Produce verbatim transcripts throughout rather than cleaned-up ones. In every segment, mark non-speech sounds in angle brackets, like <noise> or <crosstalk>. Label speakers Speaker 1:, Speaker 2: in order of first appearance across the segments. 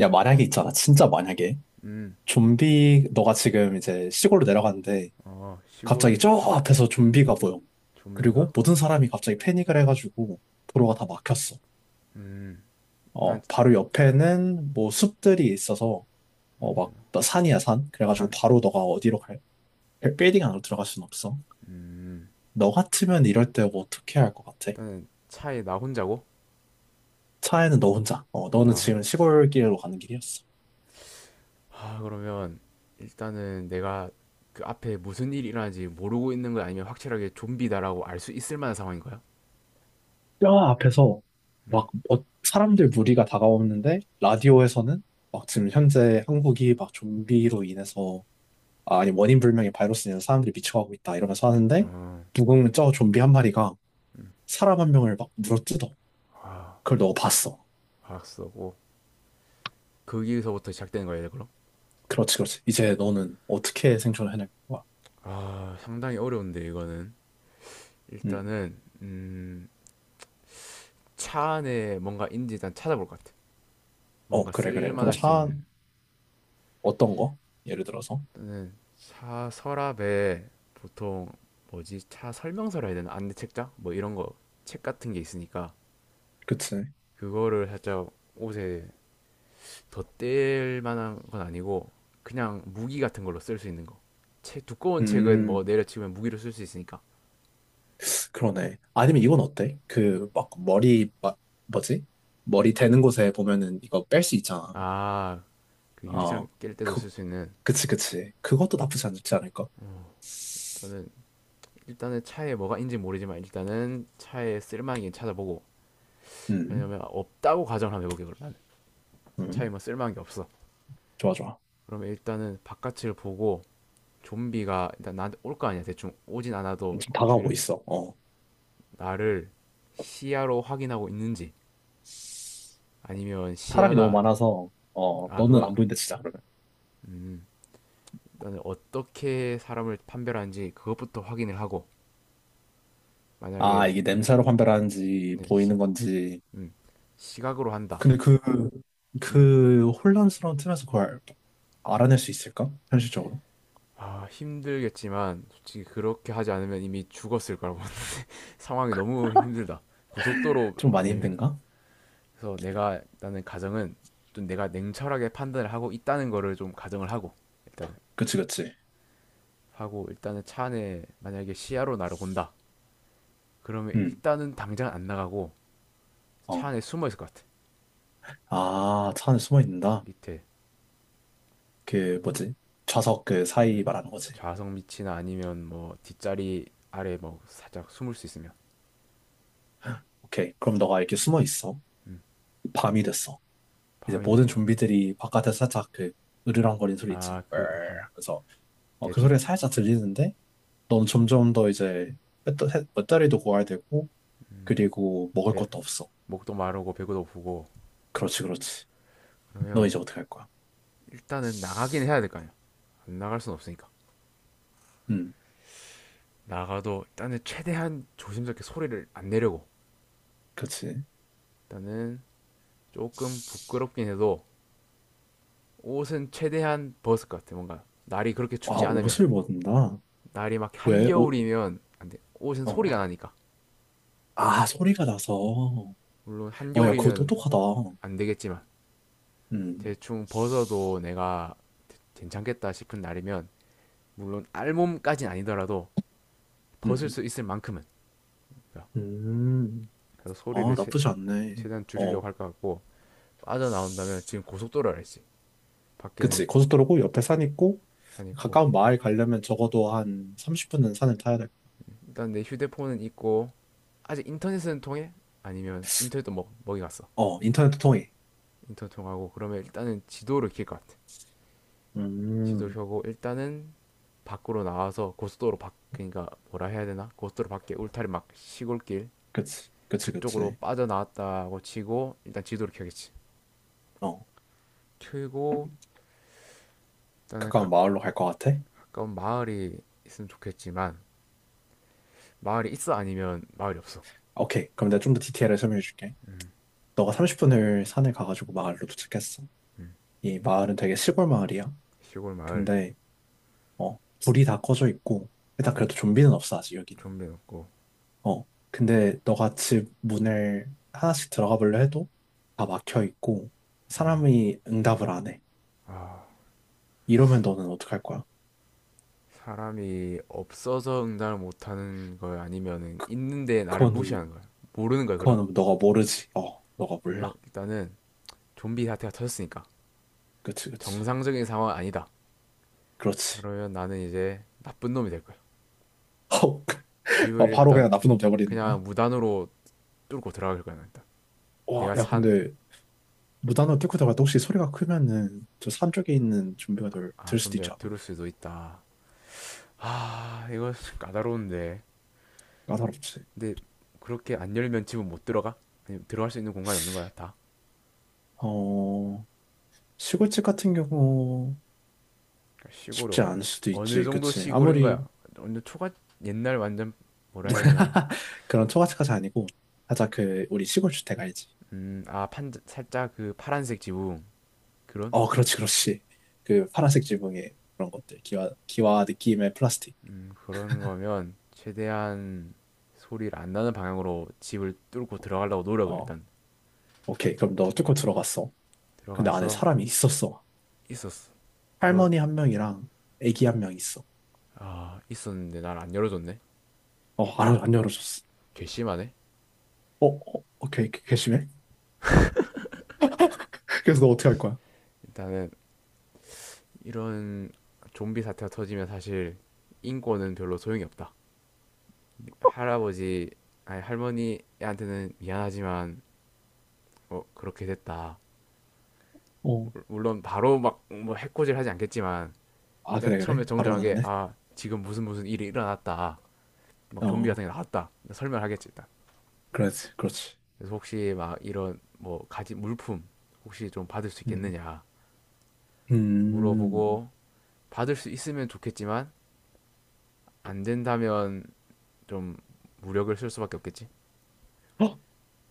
Speaker 1: 야, 만약에 있잖아. 진짜 만약에.
Speaker 2: 음.
Speaker 1: 좀비, 너가 지금 이제 시골로 내려갔는데,
Speaker 2: 어,
Speaker 1: 갑자기
Speaker 2: 시골.
Speaker 1: 저 앞에서 좀비가 보여.
Speaker 2: 좀비가?
Speaker 1: 그리고 모든 사람이 갑자기 패닉을 해가지고, 도로가 다 막혔어.
Speaker 2: 음. 난
Speaker 1: 어, 바로 옆에는 뭐 숲들이 있어서, 어, 막, 나 산이야, 산. 그래가지고
Speaker 2: 산.
Speaker 1: 바로 너가 어디로 갈, 빌딩 안으로 들어갈 순 없어.
Speaker 2: 음.
Speaker 1: 너 같으면 이럴 때 뭐 어떻게 할 것 같아?
Speaker 2: 일단은 차에 나 혼자고?
Speaker 1: 차에는 너 혼자. 어, 너는
Speaker 2: 나
Speaker 1: 지금
Speaker 2: 혼.
Speaker 1: 시골길로 가는 길이었어.
Speaker 2: 아, 그러면 일단은 내가 그 앞에 무슨 일이 일어나는지 모르고 있는 거 아니면 확실하게 좀비다라고 알 수 있을 만한 상황인 거야?
Speaker 1: 뼈 앞에서
Speaker 2: 음.
Speaker 1: 막 어- 사람들 무리가 다가오는데 라디오에서는 막 지금 현재 한국이 막 좀비로 인해서 아, 아니 원인 불명의 바이러스로 인해서 사람들이 미쳐가고 있다 이러면서 하는데
Speaker 2: 어.
Speaker 1: 누군가 저 좀비 한 마리가 사람 한 명을 막 물어뜯어.
Speaker 2: 아,
Speaker 1: 그걸 너가 봤어.
Speaker 2: 알았어. 고 거기서부터 시작되는 거야, 그럼?
Speaker 1: 그렇지, 그렇지. 이제 너는 어떻게 생존을 해낼 거야?
Speaker 2: 아, 상당히 어려운데 이거는.
Speaker 1: 음.
Speaker 2: 일단은 음, 차 안에 뭔가 있는지 일단 찾아볼 것 같아.
Speaker 1: 어,
Speaker 2: 뭔가
Speaker 1: 그래, 그래. 그럼
Speaker 2: 쓸만할 수
Speaker 1: 차
Speaker 2: 있는.
Speaker 1: 어떤 거? 예를 들어서.
Speaker 2: 저는 차 서랍에 보통 뭐지? 차 설명서라 해야 되나? 안내 책장? 뭐 이런 거, 책 같은 게 있으니까
Speaker 1: 그치.
Speaker 2: 그거를 살짝 옷에 덧댈 만한 건 아니고 그냥 무기 같은 걸로 쓸 수 있는 거. 책, 두꺼운 책은 뭐
Speaker 1: 음.
Speaker 2: 내려치면 무기로 쓸 수 있으니까.
Speaker 1: 그러네. 아니면 이건 어때? 그, 막, 머리, 막, 뭐지? 머리 되는 곳에 보면은 이거 뺄 수 있잖아.
Speaker 2: 아, 그 유리창
Speaker 1: 어,
Speaker 2: 깰 때도
Speaker 1: 그,
Speaker 2: 쓸 수 있는.
Speaker 1: 그치, 그치. 그것도 나쁘지 않지 않을까?
Speaker 2: 저는 일단은 차에 뭐가 있는지 모르지만 일단은 차에 쓸만한 게 찾아보고.
Speaker 1: 음,
Speaker 2: 왜냐면 없다고 가정을 한번 해볼게요, 그러면. 차에
Speaker 1: 음.
Speaker 2: 뭐 쓸만한 게 없어.
Speaker 1: 좋아, 좋아.
Speaker 2: 그러면 일단은 바깥을 보고 좀비가 일단 나한테 올 거 아니야. 대충 오진 않아도
Speaker 1: 지금 다가오고
Speaker 2: 주위를.
Speaker 1: 있어. 어.
Speaker 2: 나를 시야로 확인하고 있는지 아니면
Speaker 1: 사람이 너무
Speaker 2: 시야가.
Speaker 1: 많아서, 어,
Speaker 2: 아,
Speaker 1: 너는
Speaker 2: 그건.
Speaker 1: 안 보인다, 진짜, 그러면.
Speaker 2: 음, 일단 어떻게 사람을 판별하는지 그것부터 확인을 하고
Speaker 1: 아,
Speaker 2: 만약에.
Speaker 1: 이게 냄새로 판별하는지,
Speaker 2: 네, 시,
Speaker 1: 보이는 건지.
Speaker 2: 음, 시각으로 한다.
Speaker 1: 근데 그,
Speaker 2: 음.
Speaker 1: 그 혼란스러운 틈에서 그걸 알아낼 수 있을까? 현실적으로?
Speaker 2: 아, 힘들겠지만 솔직히 그렇게 하지 않으면 이미 죽었을 거라고 <laughs> 상황이 너무 힘들다. 고속도로
Speaker 1: 좀 많이
Speaker 2: 아니면.
Speaker 1: 힘든가?
Speaker 2: 그래서 내가 나는 가정은, 좀 내가 냉철하게 판단을 하고 있다는 거를 좀 가정을 하고 일단.
Speaker 1: 그치, 그치.
Speaker 2: 하고 일단은 차 안에 만약에 시야로 나를 본다. 그러면
Speaker 1: 음.
Speaker 2: 일단은 당장 안 나가고 차
Speaker 1: 어.
Speaker 2: 안에 숨어 있을 것 같아.
Speaker 1: 아, 차 안에 숨어 있는다?
Speaker 2: 밑에.
Speaker 1: 그, 뭐지? 좌석 그 사이 말하는 거지.
Speaker 2: 좌석 밑이나 아니면 뭐 뒷자리 아래 뭐 살짝 숨을 수 있으면.
Speaker 1: 오케이. 그럼 너가 이렇게 숨어 있어. 밤이 됐어. 이제
Speaker 2: 밤이
Speaker 1: 모든
Speaker 2: 됐다.
Speaker 1: 좀비들이 바깥에서 살짝 그, 으르렁거리는 소리 있지.
Speaker 2: 아, 그, 아,
Speaker 1: 그래서, 어, 그
Speaker 2: 대충
Speaker 1: 소리가 살짝 들리는데, 넌 점점 더 이제, 배터- 해- 배터리도 구해야 되고, 그리고 먹을
Speaker 2: 배,
Speaker 1: 것도 없어.
Speaker 2: 목도 마르고 배고도 부고.
Speaker 1: 그렇지, 그렇지. 너
Speaker 2: 그러면
Speaker 1: 이제 어떻게 할 거야?
Speaker 2: 일단은 나가긴 해야 될 거 아니야. 안 나갈 순 없으니까.
Speaker 1: 음,
Speaker 2: 나가도 일단은 최대한 조심스럽게 소리를 안 내려고.
Speaker 1: 그렇지.
Speaker 2: 일단은 조금 부끄럽긴 해도 옷은 최대한 벗을 것 같아. 뭔가 날이 그렇게
Speaker 1: 아,
Speaker 2: 춥지 않으면.
Speaker 1: 옷을 벗는다?
Speaker 2: 날이 막
Speaker 1: 왜? 옷,
Speaker 2: 한겨울이면 안 돼. 옷은 소리가
Speaker 1: 어.
Speaker 2: 나니까.
Speaker 1: 아, 소리가 나서. 어,
Speaker 2: 물론
Speaker 1: 야, 그거
Speaker 2: 한겨울이면
Speaker 1: 똑똑하다.
Speaker 2: 안 되겠지만
Speaker 1: 음.
Speaker 2: 대충 벗어도 내가 괜찮겠다 싶은 날이면, 물론 알몸까진 아니더라도
Speaker 1: 음.
Speaker 2: 벗을
Speaker 1: 음.
Speaker 2: 수 있을 만큼은.
Speaker 1: 음,
Speaker 2: 그래서 소리를
Speaker 1: 아,
Speaker 2: 최,
Speaker 1: 나쁘지 않네.
Speaker 2: 최대한
Speaker 1: 어,
Speaker 2: 줄이려고 할 것 같고. 빠져나온다면, 지금 고속도로라 했지. 밖에는.
Speaker 1: 그치. 고속도로고 옆에 산 있고,
Speaker 2: 산 있고.
Speaker 1: 가까운 마을 가려면 적어도 한 삼십 분은 산을 타야 될 거야.
Speaker 2: 일단 내 휴대폰은 있고. 아직 인터넷은 통해? 아니면 인터넷도 먹, 먹이 갔어?
Speaker 1: 어, 인터넷도 통해.
Speaker 2: 인턴 통하고, 그러면 일단은 지도를 켤 것 같아. 지도를
Speaker 1: 음,
Speaker 2: 켜고 일단은 밖으로 나와서 고속도로 밖, 그러니까 뭐라 해야 되나? 고속도로 밖에 울타리 막 시골길,
Speaker 1: 그치. 그치, 그치.
Speaker 2: 그쪽으로 빠져나왔다고 치고 일단 지도를 켜겠지.
Speaker 1: 어,
Speaker 2: 켜고 일단은 가,
Speaker 1: 가까운 마을로 갈 것 같아?
Speaker 2: 가까운 마을이 있으면 좋겠지만, 마을이 있어 아니면 마을이 없어.
Speaker 1: 오케이. 그럼 내가 좀 더 디테일을 설명해 줄게. 너가 삼십 분을 산에 가가지고 마을로 도착했어. 이 마을은 되게 시골 마을이야.
Speaker 2: 시골 마을.
Speaker 1: 근데, 어, 불이 다 꺼져 있고, 일단 그래도 좀비는 없어, 아직 여기는.
Speaker 2: 좀비 없고.
Speaker 1: 어, 근데 너가 집 문을 하나씩 들어가 보려 해도 다 막혀 있고 사람이 응답을 안 해. 이러면 너는 어떡할 거야?
Speaker 2: 사람이 없어서 응답을 못하는 거야, 아니면은 있는데 나를
Speaker 1: 그거는
Speaker 2: 무시하는 거야, 모르는 거야 그럼?
Speaker 1: 그거는 너가 모르지. 어, 너가
Speaker 2: 그러면
Speaker 1: 몰라.
Speaker 2: 일단은 좀비 사태가 터졌으니까
Speaker 1: 그치, 그치.
Speaker 2: 정상적인 상황 아니다.
Speaker 1: 그렇지.
Speaker 2: 그러면 나는 이제 나쁜 놈이 될 거야.
Speaker 1: 어, <laughs>
Speaker 2: 집을
Speaker 1: 어, 바로
Speaker 2: 일단
Speaker 1: 그냥 나쁜 놈 돼버리는 거야?
Speaker 2: 그냥 무단으로 뚫고 들어갈 거야. 일단
Speaker 1: 와,
Speaker 2: 내가
Speaker 1: 야,
Speaker 2: 산.
Speaker 1: 근데 무단으로 뚫고 들어갈 때 혹시 소리가 크면은 저 산 쪽에 있는 좀비가 들,
Speaker 2: 아,
Speaker 1: 들 수도
Speaker 2: 좀비가
Speaker 1: 있지 않아?
Speaker 2: 들을 수도 있다. 아, 이거 까다로운데.
Speaker 1: 까다롭지.
Speaker 2: 근데 그렇게 안 열면 집은 못 들어가? 아니, 들어갈 수 있는 공간이 없는 거야, 다?
Speaker 1: 어, 시골집 같은 경우
Speaker 2: 그러니까 시골이
Speaker 1: 쉽지
Speaker 2: 어,
Speaker 1: 않을 수도
Speaker 2: 어느
Speaker 1: 있지,
Speaker 2: 정도
Speaker 1: 그치?
Speaker 2: 시골인 거야?
Speaker 1: 아무리
Speaker 2: 완전 초가. 옛날 완전 뭐라 해야 되나?
Speaker 1: <laughs> 그런 초가집까지 아니고 살짝 그 우리 시골 주택 알지?
Speaker 2: 음, 아, 판 살짝 그 파란색 지붕. 그런
Speaker 1: 어, 그렇지, 그렇지. 그 파란색 지붕에 그런 것들 기와 기와 느낌의 플라스틱.
Speaker 2: 음, 그런 거면 최대한 소리를 안 나는 방향으로 집을 뚫고 들어가려고 노력을
Speaker 1: 어,
Speaker 2: 일단.
Speaker 1: 오케이. 그럼 너 뚫고 들어갔어. 근데 안에
Speaker 2: 들어가서.
Speaker 1: 사람이 있었어.
Speaker 2: 있었어. 그러
Speaker 1: 할머니 한 명이랑 애기 한 명 있어.
Speaker 2: 아, 있었는데 날 안 열어줬네.
Speaker 1: 어, 안 안 열어줬어.
Speaker 2: 괘씸하네.
Speaker 1: 어, 어, 오케이. 게- 게해. <laughs> 그래서 너 어떻게 할 거야?
Speaker 2: 일단은 이런 좀비 사태가 터지면 사실 인권은 별로 소용이 없다. 할아버지, 아니, 할머니한테는 미안하지만 어, 그렇게 됐다.
Speaker 1: 어,
Speaker 2: 물- 론 바로 막 뭐 해코지를 하지 않겠지만,
Speaker 1: 아,
Speaker 2: 일단
Speaker 1: 그래, 그래.
Speaker 2: 처음에
Speaker 1: 바로는 안
Speaker 2: 정정하게.
Speaker 1: 해?
Speaker 2: 아, 지금 무슨 무슨 일이 일어났다, 막 좀비
Speaker 1: 어,
Speaker 2: 같은 게 나왔다, 설명하겠지 일단.
Speaker 1: 그렇지, 그렇지.
Speaker 2: 그래서 혹시 막 이런 뭐 가지 물품 혹시 좀 받을 수
Speaker 1: 음.
Speaker 2: 있겠느냐
Speaker 1: 음.
Speaker 2: 물어보고, 받을 수 있으면 좋겠지만 안 된다면 좀 무력을 쓸 수밖에 없겠지.
Speaker 1: 어?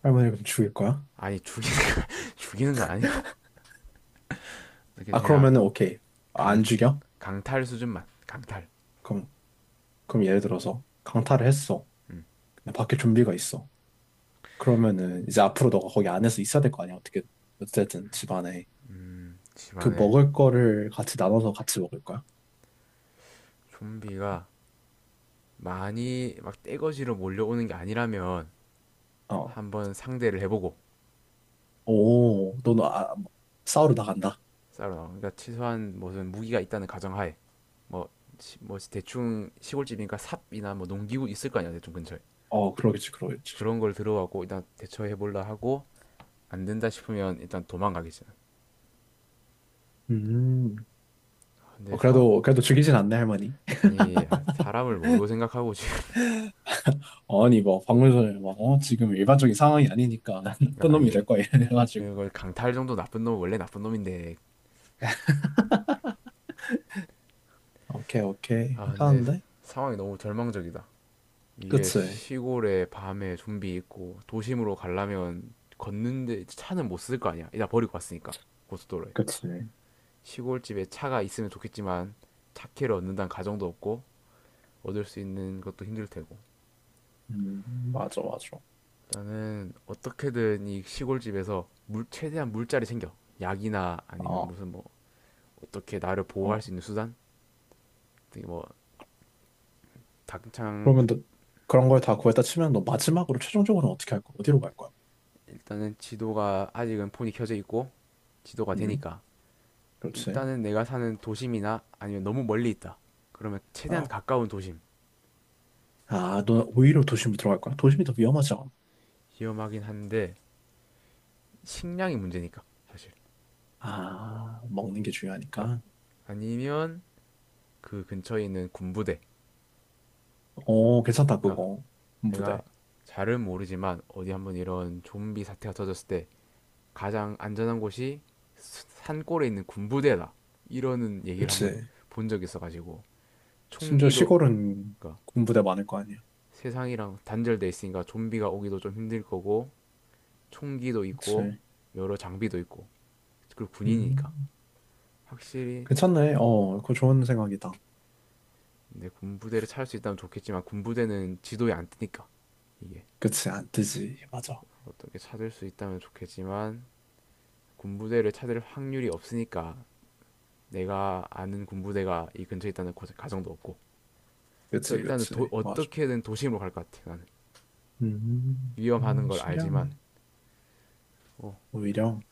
Speaker 1: 할머니 그럼 죽일 거야?
Speaker 2: 아니, 죽이는 거, <laughs> 죽이는 건 아니고 이렇게
Speaker 1: 아,
Speaker 2: 그냥
Speaker 1: 그러면은 오케이. 아,
Speaker 2: 강
Speaker 1: 안 죽여?
Speaker 2: 강탈 수준만 강탈.
Speaker 1: 그럼 그럼 예를 들어서 강타를 했어. 근데 밖에 좀비가 있어. 그러면은 이제 앞으로 너가 거기 안에서 있어야 될 거 아니야, 어떻게. 어쨌든 집 안에.
Speaker 2: 음.
Speaker 1: 그
Speaker 2: 집안에
Speaker 1: 먹을 거를 같이 나눠서 같이 먹을 거야?
Speaker 2: 좀비가 많이 막 떼거지로 몰려오는 게 아니라면
Speaker 1: 어.
Speaker 2: 한번 상대를 해보고.
Speaker 1: 오, 너는 아, 싸우러 나간다.
Speaker 2: 쌀로 나온. 그러니까 최소한 무슨 무기가 있다는 가정하에, 뭐, 시, 뭐 대충 시골집이니까 삽이나 뭐 농기구 있을 거 아니야 대충 근처에.
Speaker 1: 어, 그러겠지, 그러겠지.
Speaker 2: 그런 걸 들어가고 일단 대처해 볼라 하고, 안 된다 싶으면 일단 도망가겠지.
Speaker 1: 음. 어,
Speaker 2: 근데 상황.
Speaker 1: 그래도, 그래도 죽이진 않네, 할머니.
Speaker 2: 아니, 사람을 뭘로 생각하고 지금.
Speaker 1: 아니, 뭐, 방금 전에 막, 어, 지금 일반적인 상황이 아니니까, <laughs> 나쁜
Speaker 2: 그러니까,
Speaker 1: 놈이 될
Speaker 2: 아니,
Speaker 1: 거야, 이래가지고.
Speaker 2: 이걸 강탈 정도, 나쁜 놈은 원래 나쁜 놈인데.
Speaker 1: 오케이, 오케이.
Speaker 2: 아, 근데
Speaker 1: 괜찮은데?
Speaker 2: 상황이 너무 절망적이다. 이게
Speaker 1: 그치.
Speaker 2: 시골에 밤에 좀비 있고 도심으로 가려면 걷는데 차는 못 쓸 거 아니야, 일단 버리고 왔으니까. 고속도로에.
Speaker 1: 그치.
Speaker 2: 시골집에 차가 있으면 좋겠지만 차키를 얻는다는 가정도 없고 얻을 수 있는 것도 힘들 테고.
Speaker 1: 음, 맞아, 맞아.
Speaker 2: 나는 어떻게든 이 시골집에서 물 최대한 물자리 챙겨 약이나 아니면
Speaker 1: 어,
Speaker 2: 무슨 뭐 어떻게 나를 보호할
Speaker 1: 어.
Speaker 2: 수 있는 수단, 뭐 당장 구-
Speaker 1: 그러면 너 그런 걸 다 구했다 치면 너 마지막으로 최종적으로 어떻게 할 거야? 어디로 갈 거야?
Speaker 2: 일단은 지도가 아직은 폰이 켜져 있고 지도가
Speaker 1: 음.
Speaker 2: 되니까
Speaker 1: 그렇지.
Speaker 2: 일단은 내가 사는 도심이나, 아니면 너무 멀리 있다 그러면 최대한
Speaker 1: 어.
Speaker 2: 가까운 도심.
Speaker 1: 아, 너 오히려 도심으로 들어갈 거야? 도심이 더 위험하지 않아?
Speaker 2: 위험하긴 한데 식량이 문제니까 사실.
Speaker 1: 아, 먹는 게
Speaker 2: 그러니까.
Speaker 1: 중요하니까.
Speaker 2: 아니면 그 근처에 있는 군부대.
Speaker 1: 어, 괜찮다,
Speaker 2: 그러니까
Speaker 1: 그거. 군부대.
Speaker 2: 내가 잘은 모르지만, 어디 한번 이런 좀비 사태가 터졌을 때 가장 안전한 곳이 산골에 있는 군부대다, 이러는 얘기를 한번
Speaker 1: 그치.
Speaker 2: 본 적이 있어가지고.
Speaker 1: 심지어
Speaker 2: 총기도.
Speaker 1: 시골은
Speaker 2: 그러니까
Speaker 1: 군부대 많을 거 아니야.
Speaker 2: 세상이랑 단절돼 있으니까 좀비가 오기도 좀 힘들 거고, 총기도 있고,
Speaker 1: 그치.
Speaker 2: 여러 장비도 있고, 그리고
Speaker 1: 음,
Speaker 2: 군인이니까 확실히.
Speaker 1: 괜찮네. 어, 그거 좋은 생각이다.
Speaker 2: 내 군부대를 찾을 수 있다면 좋겠지만 군부대는 지도에 안 뜨니까 이게.
Speaker 1: 그치, 안 뜨지. 맞아.
Speaker 2: 어떻게 찾을 수 있다면 좋겠지만 군부대를 찾을 확률이 없으니까, 내가 아는 군부대가 이 근처에 있다는 고- 가정도 없고. 그래서
Speaker 1: 그치,
Speaker 2: 일단은
Speaker 1: 그치.
Speaker 2: 도-
Speaker 1: 맞아.
Speaker 2: 어떻게든 도심으로 갈 것 같아 나는.
Speaker 1: 음,
Speaker 2: 위험하는
Speaker 1: 어,
Speaker 2: 걸 알지만,
Speaker 1: 신기하네.
Speaker 2: 어.
Speaker 1: 오히려.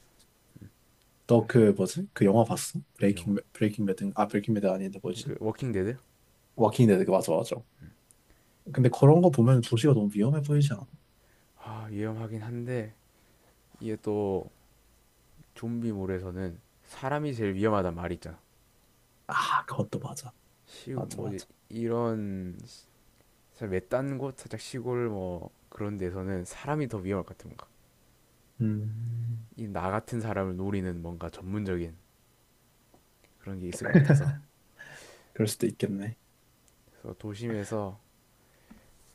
Speaker 1: 너
Speaker 2: 사실
Speaker 1: 그 뭐지? 그 영화 봤어?
Speaker 2: 영어,
Speaker 1: 브레이킹 배- 브레이킹 배드, 아, 브레이킹 배드 아닌데, 뭐지?
Speaker 2: 그 워킹 데드,
Speaker 1: 워킹 데드, 그, 맞아, 맞아.
Speaker 2: 그.
Speaker 1: 근데 그런 거 보면 도시가 너무 위험해 보이지 않아?
Speaker 2: 아, 위험하긴 한데 이게 또 좀비몰에서는 사람이 제일 위험하단 말이 있잖아.
Speaker 1: 아, 그것도 맞아, 맞아,
Speaker 2: 시뭐
Speaker 1: 맞아.
Speaker 2: 이런 살 외딴 곳, 살짝 시골 뭐 그런 데서는 사람이 더 위험할 것 같아 뭔가.
Speaker 1: 음.
Speaker 2: 이 나 같은 사람을 노리는 뭔가 전문적인 그런 게 있을 것 같아서.
Speaker 1: <laughs> 그럴 수도 있겠네.
Speaker 2: 그래서 도심에서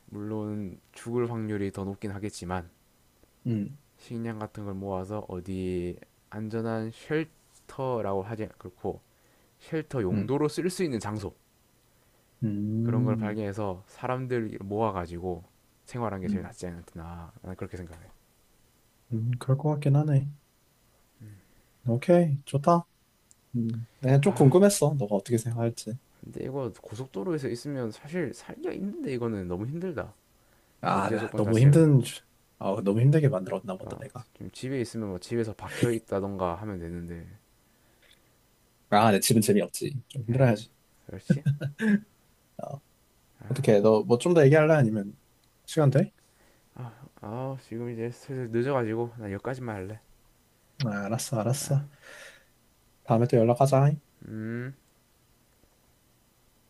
Speaker 2: 물론 죽을 확률이 더 높긴 하겠지만,
Speaker 1: 음.
Speaker 2: 식량 같은 걸 모아서 어디 안전한, 쉘터라고 하지 않고 쉘터
Speaker 1: 음.
Speaker 2: 용도로 쓸 수 있는 장소, 그런 걸
Speaker 1: 음.
Speaker 2: 발견해서 사람들 모아가지고 생활한 게 제일 낫지
Speaker 1: 음.
Speaker 2: 않나, 나는 그렇게 생각해.
Speaker 1: 음. 그럴 것 같긴 하네. 오케이, 좋다. 음 내가 좀
Speaker 2: 아,
Speaker 1: 궁금했어. 너가 어떻게 생각할지.
Speaker 2: 근데 이거 고속도로에서 있으면 사실 살기가 힘든데, 이거는 너무 힘들다.
Speaker 1: 아,
Speaker 2: 전제
Speaker 1: 나
Speaker 2: 조건
Speaker 1: 너무
Speaker 2: 자체가.
Speaker 1: 힘든 주- 아, 너무 힘들게 만들었나 보다,
Speaker 2: 그러니까
Speaker 1: 내가.
Speaker 2: 좀 집에 있으면 뭐 집에서 박혀 있다던가 하면 되는데.
Speaker 1: 아, 내 집은 재미없지. 좀
Speaker 2: 에이,
Speaker 1: 힘들어야지.
Speaker 2: 그렇지?
Speaker 1: 어. 어떻게, 너 뭐 좀 더 얘기할래, 아니면 시간 돼?
Speaker 2: 아, 아, 지금 이제 슬슬 늦어가지고 나 여기까지만 할래.
Speaker 1: 아, 알았어, 알았어. 다음에 또 연락하자.
Speaker 2: 음.